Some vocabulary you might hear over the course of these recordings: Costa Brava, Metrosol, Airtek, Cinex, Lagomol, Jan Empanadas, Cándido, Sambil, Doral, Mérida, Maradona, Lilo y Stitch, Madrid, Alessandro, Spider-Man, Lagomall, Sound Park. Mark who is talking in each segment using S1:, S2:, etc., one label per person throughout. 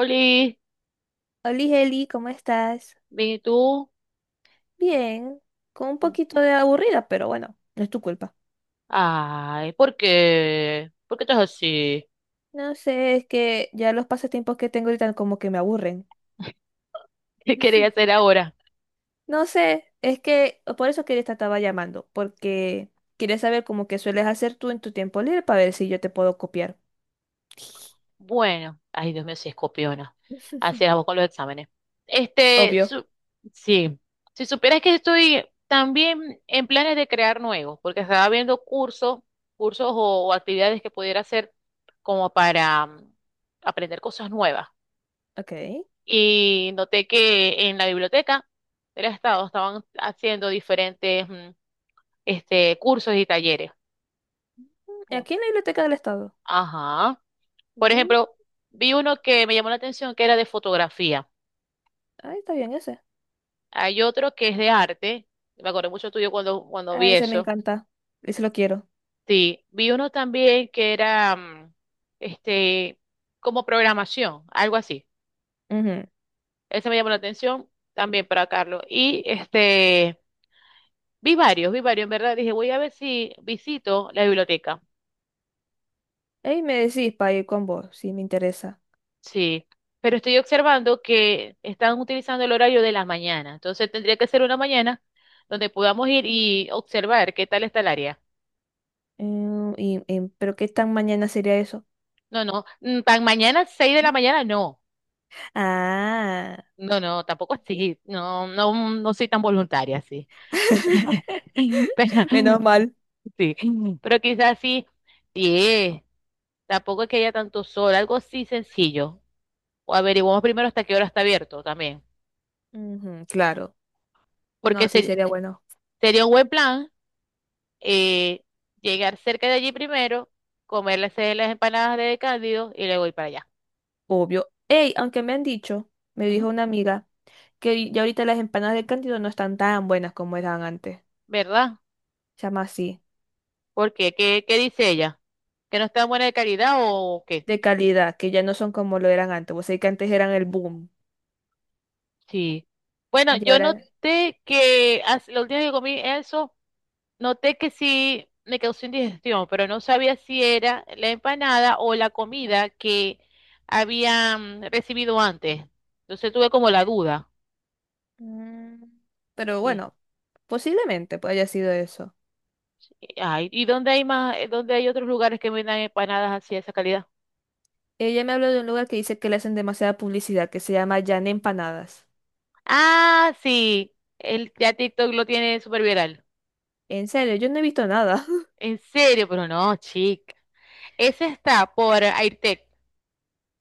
S1: Oli,
S2: Oli, Eli, ¿cómo estás?
S1: bien, ¿y tú?
S2: Bien, con un
S1: ¿Cómo?
S2: poquito de aburrida, pero bueno, no es tu culpa.
S1: Ay, ¿por qué? ¿Por qué estás así?
S2: No sé, es que ya los pasatiempos que tengo ahorita como que me aburren.
S1: ¿Qué quería hacer ahora?
S2: No sé, es que por eso quería te estaba llamando, porque quería saber cómo que sueles hacer tú en tu tiempo libre para ver si yo te puedo copiar.
S1: Bueno, ay, Dios mío, si escopiona. Así era con los exámenes. Este,
S2: Obvio.
S1: sí, si supieras que estoy también en planes de crear nuevos, porque estaba viendo cursos o actividades que pudiera hacer como para aprender cosas nuevas.
S2: Ok.
S1: Y noté que en la biblioteca del Estado estaban haciendo diferentes, este, cursos y talleres. Oh,
S2: Aquí en la biblioteca del Estado.
S1: ajá. Por ejemplo,
S2: Uh,
S1: vi uno que me llamó la atención que era de fotografía.
S2: ahí está bien ese.
S1: Hay otro que es de arte. Me acordé mucho tuyo cuando
S2: Ah,
S1: vi
S2: ese me
S1: eso.
S2: encanta. Ese lo quiero.
S1: Sí. Vi uno también que era este como programación, algo así.
S2: Ujú.
S1: Ese me llamó la atención también para Carlos. Y este vi varios, en verdad. Dije, voy a ver si visito la biblioteca.
S2: Ey, me decís para ir con vos, si me interesa.
S1: Sí, pero estoy observando que están utilizando el horario de la mañana, entonces tendría que ser una mañana donde podamos ir y observar qué tal está el área.
S2: Mm, ¿pero qué tan mañana sería eso?
S1: No, no, tan mañana, 6 de la mañana, no.
S2: Ah,
S1: No, no, tampoco así, no, no, no soy tan voluntaria, sí. Pero,
S2: menos mal.
S1: sí, pero quizás sí, 10, tampoco es que haya tanto sol, algo así sencillo. O averiguamos primero hasta qué hora está abierto también,
S2: Ujú, claro.
S1: porque
S2: No, sí sería bueno.
S1: sería un buen plan eh, llegar cerca de allí primero, comerles las empanadas de Cándido y luego ir para allá.
S2: Obvio. Ey, aunque me han dicho, me dijo
S1: Ujú.
S2: una amiga, que ya ahorita las empanadas de Cándido no están tan buenas como eran antes.
S1: ¿Verdad?
S2: Se llama así.
S1: Porque, ¿qué dice ella? ¿Que no está buena de calidad o qué?
S2: De calidad, que ya no son como lo eran antes. Vos sabés que antes eran el boom.
S1: Sí. Bueno,
S2: Y
S1: yo
S2: ahora.
S1: noté que la última vez que comí eso, noté que sí me causó indigestión, pero no sabía si era la empanada o la comida que habían recibido antes. Entonces tuve como la duda.
S2: mm, pero
S1: Sí.
S2: bueno, posiblemente pues haya sido eso.
S1: Ay, ¿y dónde hay más, dónde hay otros lugares que vendan empanadas así de esa calidad?
S2: Ella me habló de un lugar que dice que le hacen demasiada publicidad, que se llama Jan Empanadas.
S1: Ah, sí, el ya TikTok lo tiene súper viral.
S2: En serio, yo no he visto nada.
S1: En serio, pero no, chica. Ese está por Airtek.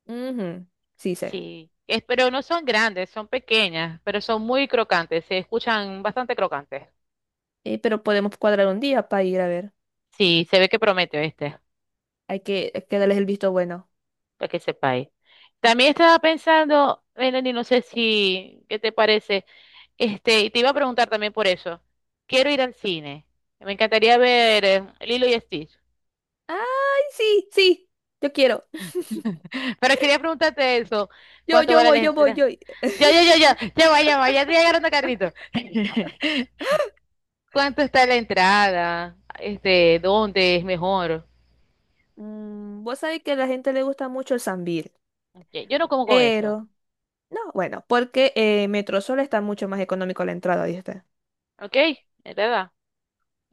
S2: Ujú, sí sé.
S1: Sí, es, pero no son grandes, son pequeñas, pero son muy crocantes, se escuchan bastante crocantes.
S2: Pero podemos cuadrar un día para ir a ver.
S1: Sí, se ve que promete, ¿viste?
S2: Hay que darles el visto bueno.
S1: Para que sepáis. También estaba pensando, Melanie, no sé si, ¿qué te parece? Este, y te iba a preguntar también por eso. Quiero ir al cine. Me encantaría ver Lilo y Stitch.
S2: ¡Ay, sí, sí! Yo quiero.
S1: Pero quería preguntarte eso.
S2: Yo,
S1: ¿Cuánto
S2: yo
S1: vale la
S2: voy, yo voy,
S1: entrada?
S2: yo.
S1: Ya, ya, ya, ya, ya va, ya va, ya estoy agarrando carrito. ¿Cuánto está la entrada? Este, ¿dónde es mejor?
S2: Vos sabés que a la gente le gusta mucho el Sambil.
S1: Ok, yo no como con eso,
S2: Pero, no, bueno, porque Metrosol está mucho más económico la entrada, ¿viste?
S1: ¿ok? ¿Es ¿Verdad?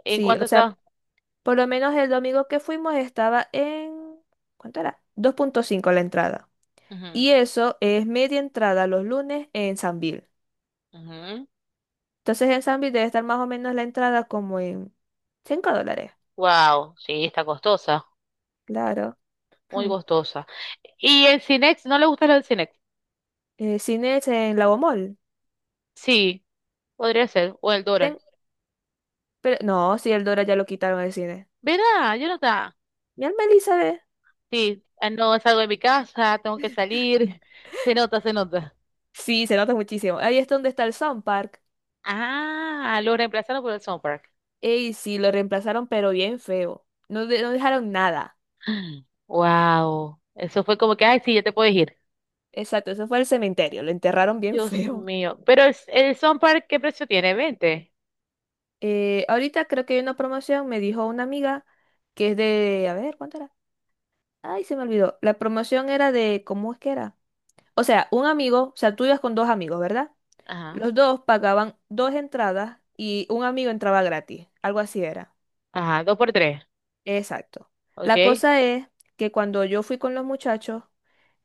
S1: ¿En
S2: Sí, o
S1: cuánto
S2: sea,
S1: está?
S2: por lo menos el domingo que fuimos estaba en... ¿Cuánto era? 2.5 la entrada.
S1: Ujú,
S2: Y eso es media entrada los lunes en Sambil.
S1: ujú.
S2: Entonces en Sambil debe estar más o menos la entrada como en $5.
S1: Wow, sí, está costosa,
S2: Claro.
S1: muy costosa. ¿Y el Cinex? ¿No le gusta lo del Cinex?
S2: Cine es en Lagomall.
S1: Sí, podría ser, o el
S2: Ten-
S1: Doral.
S2: Pero no, si el Dora ya lo quitaron el cine.
S1: Verá, yo nota.
S2: Mi alma Elizabeth.
S1: Sí, ah, no salgo de mi casa, tengo que salir. Se nota, se nota.
S2: Sí, se nota muchísimo. Ahí es donde está el Sound Park.
S1: Ah, lo reemplazaron por el Sound Park.
S2: Ey, sí, lo reemplazaron, pero bien feo. No, no dejaron nada.
S1: Wow, eso fue como que, ay, sí, ya te puedes ir.
S2: Exacto, eso fue el cementerio. Lo enterraron bien
S1: Dios
S2: feo.
S1: mío, pero el Sound Park, ¿qué precio tiene? ¿20?
S2: Ahorita creo que hay una promoción, me dijo una amiga, que es de. A ver, ¿cuánto era? Ay, se me olvidó. La promoción era de. ¿Cómo es que era? O sea, un amigo, o sea, tú ibas con dos amigos, ¿verdad?
S1: Ajá,
S2: Los dos pagaban dos entradas y un amigo entraba gratis, algo así era.
S1: ajá, 2 por 3,
S2: Exacto. La
S1: ok.
S2: cosa es que cuando yo fui con los muchachos,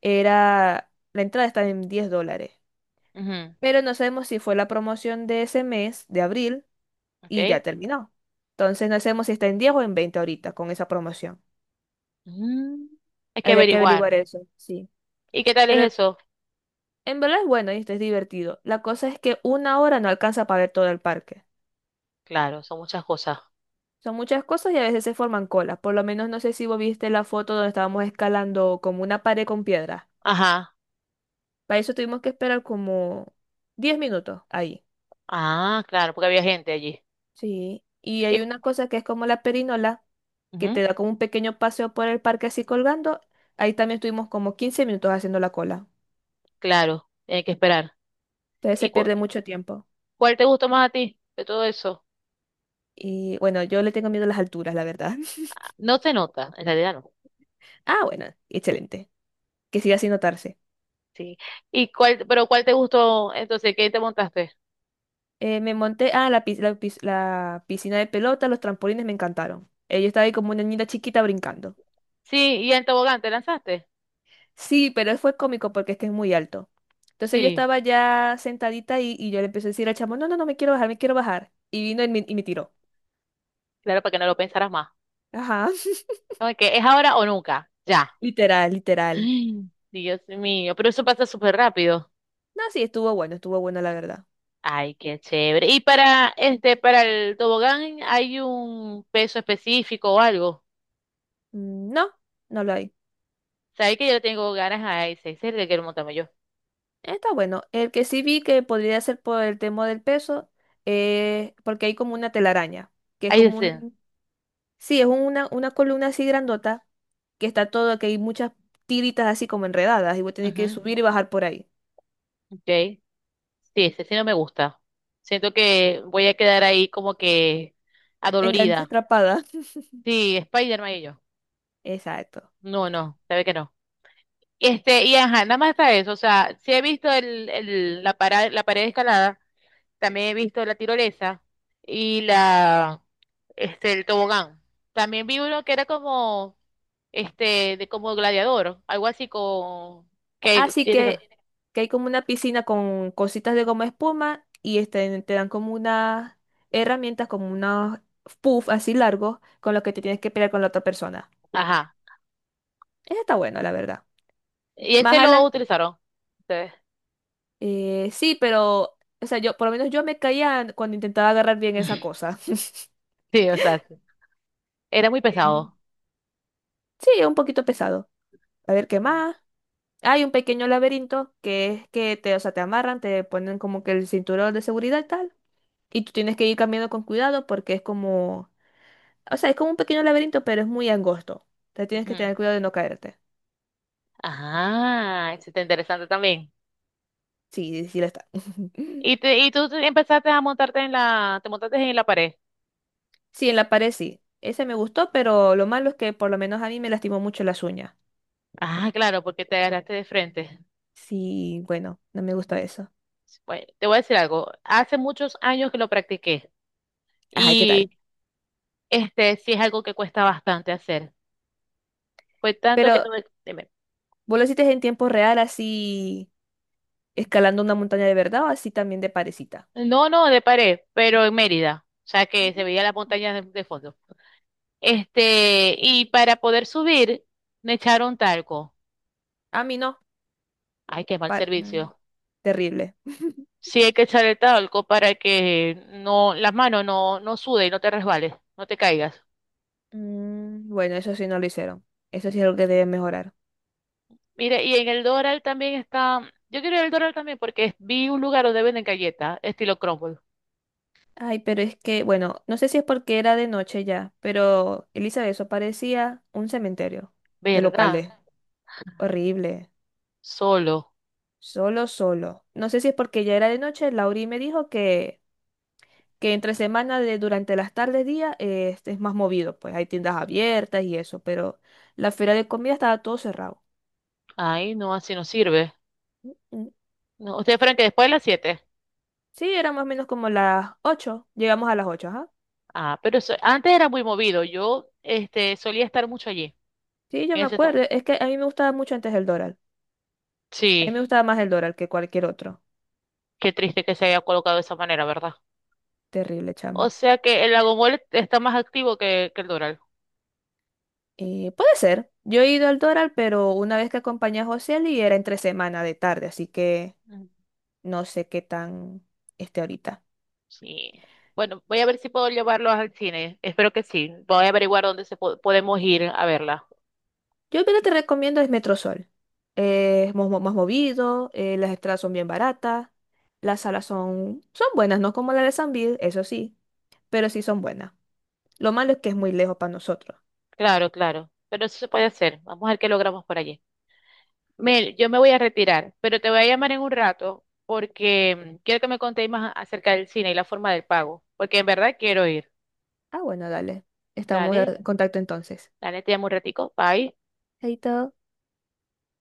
S2: la entrada estaba en $10,
S1: Ujú,
S2: pero no sabemos si fue la promoción de ese mes, de abril, y ya
S1: ok.
S2: terminó. Entonces no sabemos si está en 10 o en 20 ahorita con esa promoción.
S1: Mm, hay que
S2: Habría que
S1: averiguar.
S2: averiguar eso, sí.
S1: ¿Y qué tal es
S2: Pero
S1: eso?
S2: en verdad es bueno y es divertido. La cosa es que una hora no alcanza para ver todo el parque.
S1: Claro, son muchas cosas.
S2: Son muchas cosas y a veces se forman colas. Por lo menos no sé si vos viste la foto donde estábamos escalando como una pared con piedra.
S1: Ajá.
S2: Para eso tuvimos que esperar como 10 minutos ahí.
S1: Ah, claro, porque había gente allí.
S2: Sí. Y
S1: Y-
S2: hay una cosa que es como la perinola, que te
S1: Ujú,
S2: da como un pequeño paseo por el parque así colgando. Ahí también estuvimos como 15 minutos haciendo la cola.
S1: claro, hay que esperar.
S2: Entonces
S1: ¿Y
S2: se pierde mucho tiempo.
S1: cuál te gustó más a ti de todo eso?
S2: Y bueno, yo le tengo miedo a las alturas, la verdad.
S1: No se nota, en realidad no.
S2: Ah, bueno, excelente. Que siga sin notarse.
S1: Sí. ¿Y cuál, pero cuál te gustó entonces? ¿Qué te montaste?
S2: Me monté, ah, la piscina de pelota, los trampolines me encantaron. Yo estaba ahí como una niña chiquita brincando.
S1: Sí, y el tobogán, ¿te lanzaste?
S2: Sí, pero fue cómico porque es que es muy alto. Entonces yo
S1: Sí,
S2: estaba ya sentadita ahí y yo le empecé a decir al chamo, no, no, no, me quiero bajar, me quiero bajar. Y vino y me tiró.
S1: claro, para que no lo pensaras más.
S2: Ajá,
S1: No, es que es ahora o nunca, ya.
S2: literal, literal.
S1: Ay, Dios mío, pero eso pasa súper rápido.
S2: No, sí, estuvo bueno la verdad.
S1: Ay, qué chévere. ¿Y para el tobogán hay un peso específico o algo?
S2: No, no lo hay.
S1: ¿Sabes que yo le tengo ganas a ese? Ese es el que quiero montarme yo.
S2: Está bueno. El que sí vi que podría ser por el tema del peso, porque hay como una telaraña, que es
S1: Ahí
S2: como
S1: ese.
S2: un, sí, es una columna así grandota que está todo, que hay muchas tiritas así como enredadas y voy a tener que
S1: Ujú,
S2: subir y bajar por ahí.
S1: ok. Sí, ese sí no me gusta. Siento que voy a quedar ahí como que
S2: Enganche
S1: adolorida.
S2: atrapada.
S1: Sí, Spider-Man y yo.
S2: Exacto.
S1: No, no, sabe que no. Este, y ajá, nada más está eso. O sea, sí he visto la pared de escalada, también he visto la tirolesa y este, el tobogán. También vi uno que era como, este, de como gladiador, algo así con, que
S2: Así
S1: tiene que...
S2: que hay como una piscina con cositas de goma espuma y este, te dan como unas herramientas, como unos puff así largos con los que te tienes que pelear con la otra persona.
S1: Ajá.
S2: Eso está bueno, la verdad.
S1: Y
S2: Más
S1: ese lo
S2: adelante,
S1: utilizaron ustedes.
S2: sí, pero, o sea, yo, por lo menos yo me caía cuando intentaba agarrar bien esa cosa.
S1: Sí, o sea, sí, era muy
S2: Eh,
S1: pesado.
S2: sí, es un poquito pesado. A ver, ¿qué más? Hay un pequeño laberinto que es que te, o sea, te amarran, te ponen como que el cinturón de seguridad y tal, y tú tienes que ir caminando con cuidado porque es como, o sea, es como un pequeño laberinto, pero es muy angosto. Te tienes que
S1: Ujú.
S2: tener cuidado de no caerte.
S1: Ajá, eso está interesante también.
S2: Sí, sí lo está.
S1: Y, te, y tú te- empezaste a montarte te montaste en la pared.
S2: Sí, en la pared sí. Ese me gustó, pero lo malo es que por lo menos a mí me lastimó mucho las uñas.
S1: Ah, claro, porque te agarraste de frente.
S2: Sí, bueno, no me gusta eso.
S1: Bueno, te voy a decir algo. Hace muchos años que lo practiqué
S2: Ajá, ¿y qué
S1: y
S2: tal?
S1: este sí es algo que cuesta bastante hacer. Pues tanto que no,
S2: Pero,
S1: dime.
S2: ¿vos lo hiciste en tiempo real así escalando una montaña de verdad o así también de parecita?
S1: No, no, de pared, pero en Mérida, o sea que se veía la montaña de fondo. Este, y para poder subir, me echaron talco.
S2: A mí no.
S1: Ay, qué mal
S2: Para-
S1: servicio.
S2: Terrible.
S1: Sí hay que echar el talco para que no, las manos no sude y no te resbales, no te caigas.
S2: Bueno, eso sí no lo hicieron. Eso sí es algo que deben mejorar.
S1: Mire, y en el Doral también está, yo quiero ir al Doral también porque vi un lugar donde venden galletas, estilo crumble.
S2: Ay, pero es que, bueno, no sé si es porque era de noche ya, pero Elizabeth, eso parecía un cementerio de
S1: ¿Verdad?
S2: locales. Horrible.
S1: Solo.
S2: Solo, solo. No sé si es porque ya era de noche. Lauri me dijo que entre semana, durante las tardes, día, este es más movido. Pues hay tiendas abiertas y eso, pero la feria de comida estaba todo cerrado.
S1: Ay, no, así no sirve.
S2: Mm,
S1: ¿No, ustedes fueron que después de las 7?
S2: Sí, eran más o menos como las 8. Llegamos a las 8.
S1: Ah, pero antes era muy movido. Yo, este, solía estar mucho allí.
S2: Sí, yo
S1: En
S2: me
S1: ese, to-
S2: acuerdo. Es que a mí me gustaba mucho antes el Doral. A mí
S1: sí.
S2: me gustaba más el Doral que cualquier otro.
S1: Qué triste que se haya colocado de esa manera, ¿verdad?
S2: Terrible,
S1: O
S2: chama.
S1: sea que el Lagomol está más activo que el Doral.
S2: Puede ser. Yo he ido al Doral, pero una vez que acompañé a José y era entre semana de tarde, así que
S1: Mm,
S2: no sé qué tan esté ahorita.
S1: sí. Bueno, voy a ver si puedo llevarlos al cine. Espero que sí. Voy a averiguar dónde podemos ir a verla.
S2: Yo lo que te recomiendo es Metrosol. Es movido, las entradas son bien baratas, las salas son, son buenas, no como la de San Bill, eso sí, pero sí son buenas. Lo malo es que es muy lejos para nosotros.
S1: Claro, claro. Pero eso se puede hacer. Vamos a ver qué logramos por allí. Mel, yo me voy a retirar, pero te voy a llamar en un rato porque quiero que me contéis más acerca del cine y la forma del pago, porque en verdad quiero ir.
S2: Ah, bueno, dale. Estamos
S1: Dale,
S2: en contacto entonces.
S1: dale, te llamo un ratico. Bye.
S2: Chaito.